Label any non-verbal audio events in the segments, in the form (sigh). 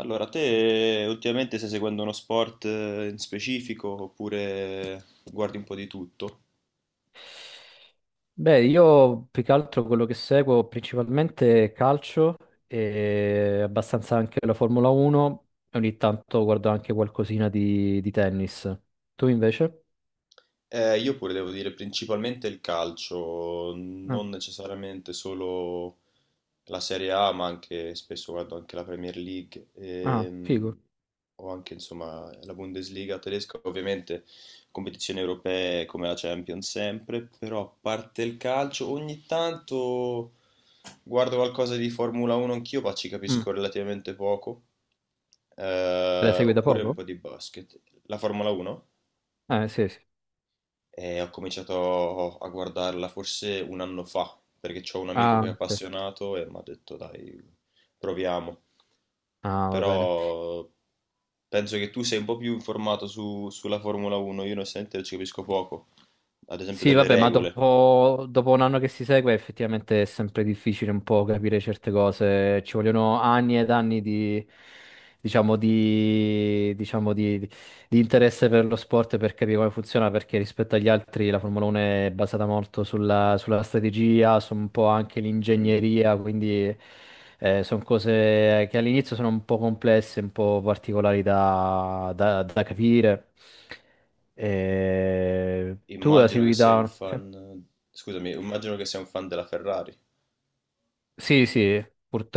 Allora, te ultimamente stai seguendo uno sport in specifico oppure guardi un po' di tutto? Beh, io più che altro quello che seguo principalmente è calcio e abbastanza anche la Formula 1 e ogni tanto guardo anche qualcosina di tennis. Tu invece? Io pure devo dire principalmente il calcio, Ah, non necessariamente solo la Serie A, ma anche spesso guardo anche la Premier League, ah, figo. O anche, insomma, la Bundesliga tedesca, ovviamente competizioni europee come la Champions sempre, però a parte il calcio ogni tanto guardo qualcosa di Formula 1 anch'io, ma ci Mm. capisco relativamente poco, La segui da oppure un poco? po' di basket. La Formula 1? Sì, sì. E ho cominciato a guardarla forse un anno fa, perché ho un amico Ah, che è ok. appassionato e mi ha detto: dai, proviamo. Ah, va bene. Però penso che tu sei un po' più informato sulla Formula 1, io onestamente ci capisco poco, ad esempio Sì, delle vabbè, ma regole. dopo un anno che si segue effettivamente è sempre difficile un po' capire certe cose. Ci vogliono anni ed anni di, diciamo, di, diciamo, di interesse per lo sport e per capire come funziona, perché rispetto agli altri la Formula 1 è basata molto sulla strategia, su un po' anche Mm. l'ingegneria, quindi sono cose che all'inizio sono un po' complesse, un po' particolari da capire. Tu la Immagino che segui sei un da. Sì. fan, scusami, immagino che sei un fan della Ferrari. Sì, sì,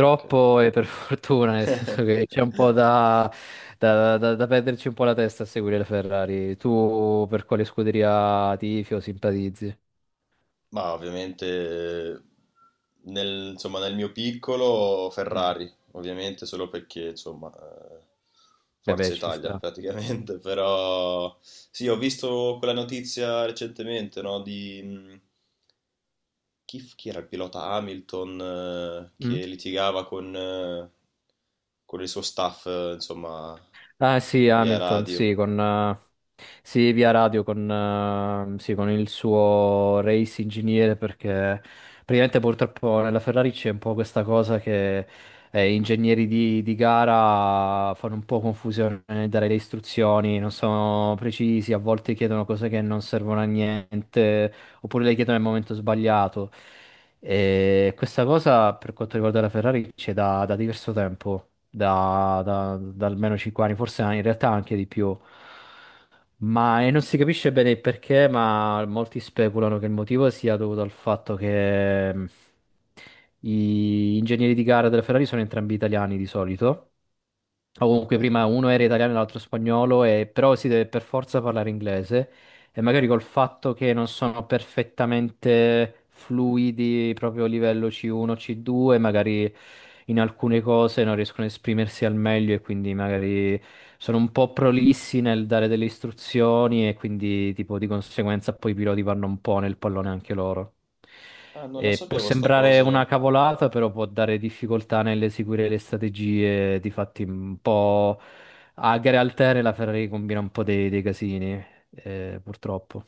Ok, ok. e per (laughs) fortuna, nel senso che c'è un po' (laughs) da perderci un po' la testa a seguire la Ferrari. Tu per quale scuderia tifi o simpatizzi? Ma ovviamente eh, insomma, nel mio piccolo Mm. Ferrari, ovviamente solo perché, insomma, Beh, beh, Forza ci Italia sta. praticamente, (laughs) però sì, ho visto quella notizia recentemente, no, di chi era il pilota Hamilton, Mm? che litigava con il suo staff, insomma, Ah sì, via Hamilton, radio. sì, con, sì, via radio con, sì, con il suo race ingegnere perché praticamente purtroppo nella Ferrari c'è un po' questa cosa che ingegneri di gara fanno un po' confusione nel dare le istruzioni, non sono precisi, a volte chiedono cose che non servono a niente oppure le chiedono nel momento sbagliato. E questa cosa per quanto riguarda la Ferrari c'è da diverso tempo, da almeno 5 anni, forse in realtà anche di più. Ma e non si capisce bene il perché, ma molti speculano che il motivo sia dovuto al fatto che gli ingegneri di gara della Ferrari sono entrambi italiani di solito. O Ok. comunque prima uno era italiano e l'altro spagnolo, però si deve per forza parlare inglese e magari col fatto che non sono perfettamente fluidi proprio a livello C1, C2, magari in alcune cose non riescono a esprimersi al meglio e quindi magari sono un po' prolissi nel dare delle istruzioni e quindi tipo di conseguenza poi i piloti vanno un po' nel pallone anche loro. Ah, non la E può sapevo sta sembrare una cosa. cavolata, però può dare difficoltà nell'eseguire le strategie, difatti un po' a gare alterne la Ferrari combina un po' dei casini purtroppo.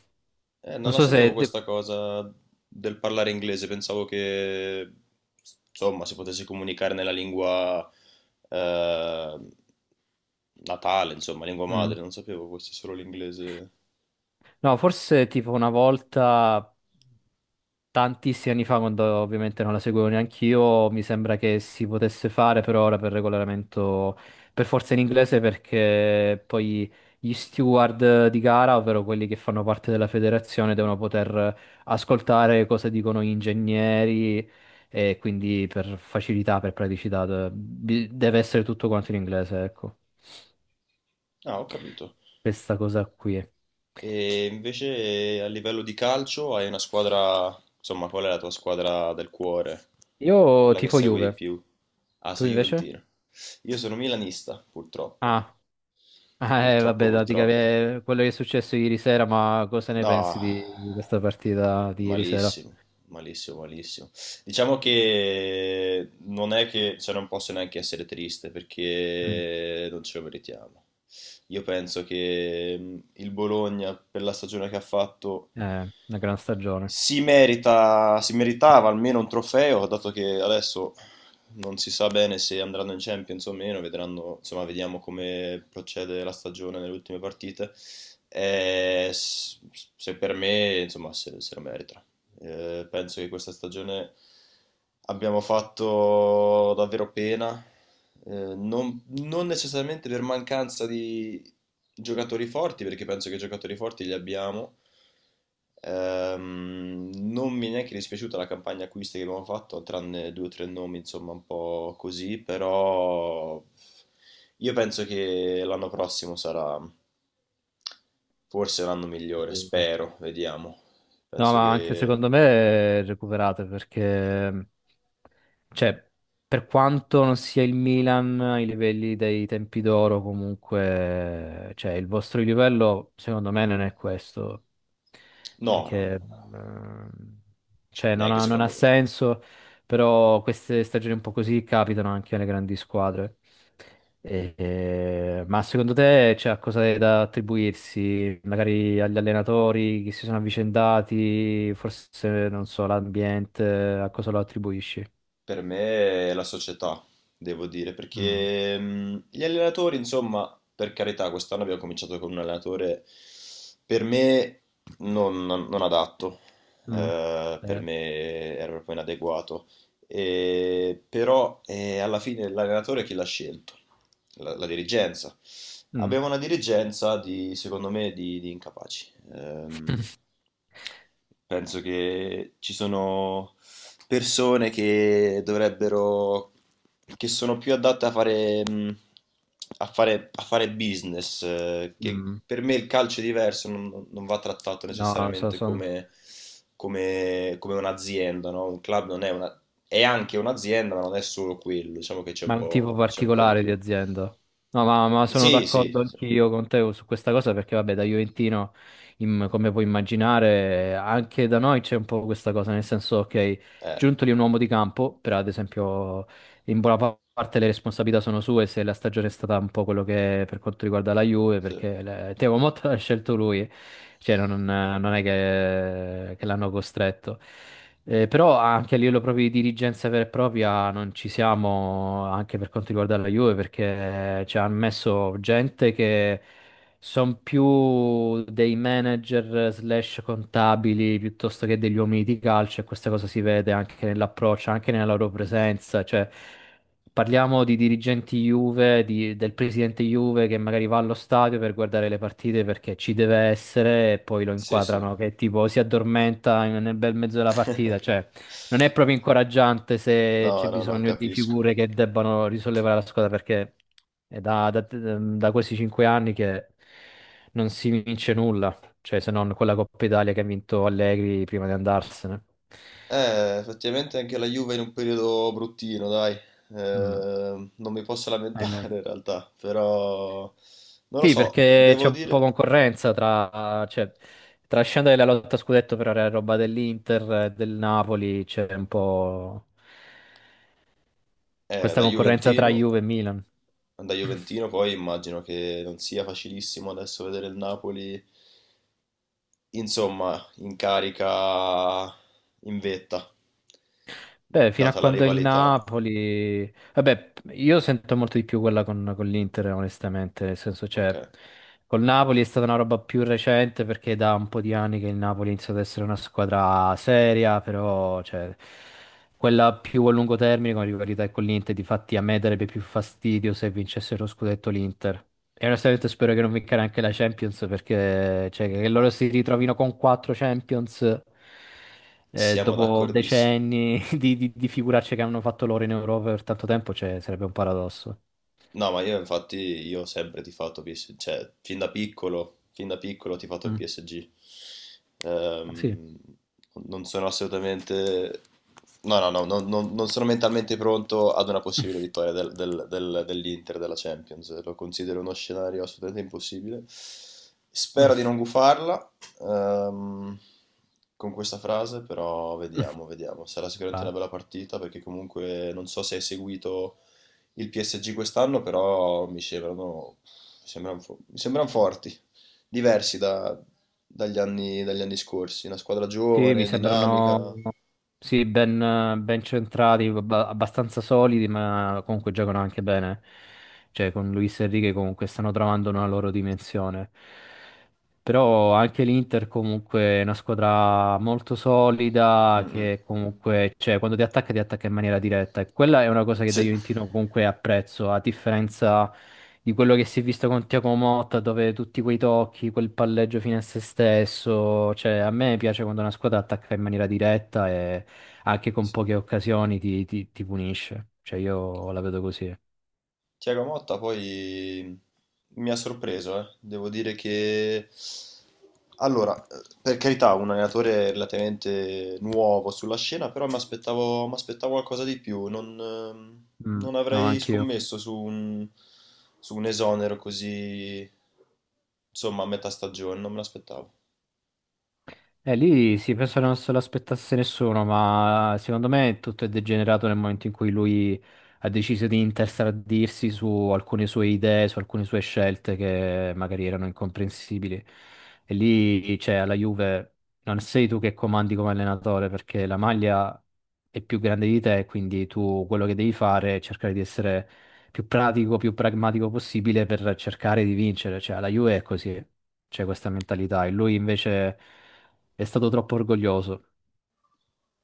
Non Non la so sapevo se. Questa cosa del parlare inglese, pensavo che, insomma, si potesse comunicare nella lingua, eh, natale, insomma, lingua mm. madre, non sapevo questo, solo l'inglese. No, forse tipo una volta, tantissimi anni fa, quando ovviamente non la seguivo neanche io, mi sembra che si potesse fare, però ora per regolamento, per forza in inglese, perché poi gli steward di gara, ovvero quelli che fanno parte della federazione, devono poter ascoltare cosa dicono gli ingegneri e quindi per facilità, per praticità, deve essere tutto quanto in inglese, ecco Ah, ho capito. questa cosa qui. E invece a livello di calcio hai una squadra, insomma, qual è la tua squadra del cuore? Io Quella che tifo segui di Juve, più? Ah, tu sei invece? Juventino. Io sono milanista, purtroppo. Ah, (laughs) ah, Purtroppo, vabbè, dica, purtroppo. Quello che è successo ieri sera, ma cosa ne No, pensi di questa partita di ieri sera? malissimo, malissimo, malissimo. Diciamo che non è che, cioè non posso neanche essere triste Mm. perché non ce lo meritiamo. Io penso che, il Bologna per la stagione che ha fatto Una gran stagione. si merita, si meritava almeno un trofeo, dato che adesso non si sa bene se andranno in Champions o meno, vedranno, insomma, vediamo come procede la stagione nelle ultime partite. Eh, s- Se per me, insomma, se lo merita. Penso che questa stagione abbiamo fatto davvero pena, eh, non necessariamente per mancanza di giocatori forti, perché penso che giocatori forti li abbiamo. Non mi è neanche dispiaciuta la campagna acquisti che abbiamo fatto, tranne due o tre nomi, insomma, un po' così, però io penso che l'anno prossimo sarà forse l'anno migliore, Sì. spero, vediamo. No, Penso ma anche che secondo me è recuperate perché, cioè, per quanto non sia il Milan ai livelli dei tempi d'oro, comunque, cioè, il vostro livello secondo me non è questo, no, no, no, perché, no, ehm, cioè, non neanche ha, non ha secondo me. senso, però queste stagioni un po' così capitano anche alle grandi squadre. Ma secondo te c'è qualcosa da attribuirsi magari agli allenatori che si sono avvicendati, forse non so, l'ambiente, a cosa lo attribuisci? Per me è la società, devo dire, Mm, perché, gli allenatori, insomma, per carità, quest'anno abbiamo cominciato con un allenatore per me non adatto, mm, per Eh, me era proprio inadeguato. Eh, però, alla fine l'allenatore chi l'ha scelto? La dirigenza. mm, Abbiamo una dirigenza di, secondo me, di incapaci. Penso che ci sono persone che dovrebbero, che sono più adatte a fare, a fare business, che mm. per me il calcio è diverso, non va trattato No, necessariamente come, come un'azienda, no? Un club non è una, è anche un'azienda, ma non è solo quello, diciamo che ma è un tipo c'è un po' di particolare di più. azienda. No, ma, sono Sì, sì, d'accordo sì, anch'io con te su questa cosa perché vabbè, da Juventino, come puoi immaginare, anche da noi c'è un po' questa cosa, nel senso, ok, eh, Giuntoli è un uomo di campo, per ad esempio. In buona parte le responsabilità sono sue se la stagione è stata un po' quello che è per quanto riguarda la Juve, sì, perché Thiago Motta (laughs) l'ha scelto lui, cioè non è che, l'hanno costretto. Però anche a livello proprio di dirigenza vera e propria non ci siamo anche per quanto riguarda la Juve, perché ci hanno messo gente che sono più dei manager slash contabili piuttosto che degli uomini di calcio e questa cosa si vede anche nell'approccio, anche nella loro presenza. Cioè, parliamo di dirigenti Juve, del presidente Juve che magari va allo stadio per guardare le partite perché ci deve essere e poi lo sì, sì. inquadrano che tipo si addormenta nel bel mezzo della partita. (laughs) Cioè, non è proprio incoraggiante se c'è No, no, no, bisogno di capisco. figure che debbano risollevare la squadra perché è da questi 5 anni che non si vince nulla, cioè se non quella Coppa Italia che ha vinto Allegri prima di andarsene. Effettivamente anche la Juve è in un periodo bruttino, dai. Mm, Non mi posso ahimè. lamentare in realtà, però non lo Sì, so, perché c'è devo un po' dire, concorrenza tra, cioè, tra scendere la lotta a scudetto per la roba dell'Inter, del Napoli, c'è un po' eh, questa da concorrenza tra Juventino, Juve e Milan. da Juventino poi immagino che non sia facilissimo adesso vedere il Napoli, insomma, in carica, in vetta, Beh, fino a data la quando il rivalità. Napoli. Vabbè, io sento molto di più quella con l'Inter, onestamente, nel senso, cioè, Ok, col Napoli è stata una roba più recente perché è da un po' di anni che il Napoli inizia ad essere una squadra seria, però, cioè, quella più a lungo termine con la rivalità è con l'Inter, difatti a me darebbe più fastidio se vincesse lo scudetto l'Inter. E onestamente spero che non vinca neanche la Champions perché, cioè, che ma loro si ritrovino con quattro Champions. Siamo Dopo d'accordissimo. decenni (laughs) di figuracce che hanno fatto loro in Europa per tanto tempo, cioè, sarebbe un paradosso. No, ma io infatti io ho sempre tifato PSG, cioè fin da piccolo ho tifato il Mm. PSG. Sì. Ehm, non sono assolutamente, no, no, no, no, no, non sono mentalmente pronto ad una possibile (laughs) vittoria dell'Inter della Champions. Lo considero uno scenario assolutamente impossibile. Mm, Spero di non gufarla, ehm, con questa frase, però mm. vediamo, vediamo. Sarà sicuramente Beh, una bella partita perché comunque non so se hai seguito il PSG quest'anno, però mi sembrano, mi sembrano mi sembrano forti, diversi dagli anni scorsi. Una squadra sì, mi giovane, sembrano dinamica. sì, ben centrati, abbastanza solidi, ma comunque giocano anche bene. Cioè, con Luis Enrique comunque stanno trovando una loro dimensione. Però anche l'Inter comunque è una squadra molto solida Mm, mm. che comunque, cioè, quando ti attacca in maniera diretta e quella è una cosa che da Sì, Juventino comunque apprezzo, a differenza di quello che si è visto con Thiago Motta dove tutti quei tocchi, quel palleggio fine a se stesso, cioè a me piace quando una squadra attacca in maniera diretta e anche con sì. poche occasioni ti punisce, cioè io la vedo così. Thiago Motta poi mi ha sorpreso, eh. Devo dire che... Allora, per carità, un allenatore relativamente nuovo sulla scena, però mi aspettavo qualcosa di più. Non, Mm, non no, avrei anch'io. scommesso su un esonero così, insomma, a metà stagione, non me l'aspettavo. Lì sì, penso che non se l'aspettasse nessuno, ma secondo me tutto è degenerato nel momento in cui lui ha deciso di interstradirsi su alcune sue idee, su alcune sue scelte che magari erano incomprensibili. E lì, cioè, alla Juve non sei tu che comandi come allenatore, perché la maglia è più grande di te, quindi tu quello che devi fare è cercare di essere più pratico, più pragmatico possibile per cercare di vincere. Cioè, alla Juve è così, c'è questa mentalità. E lui invece. È stato troppo orgoglioso.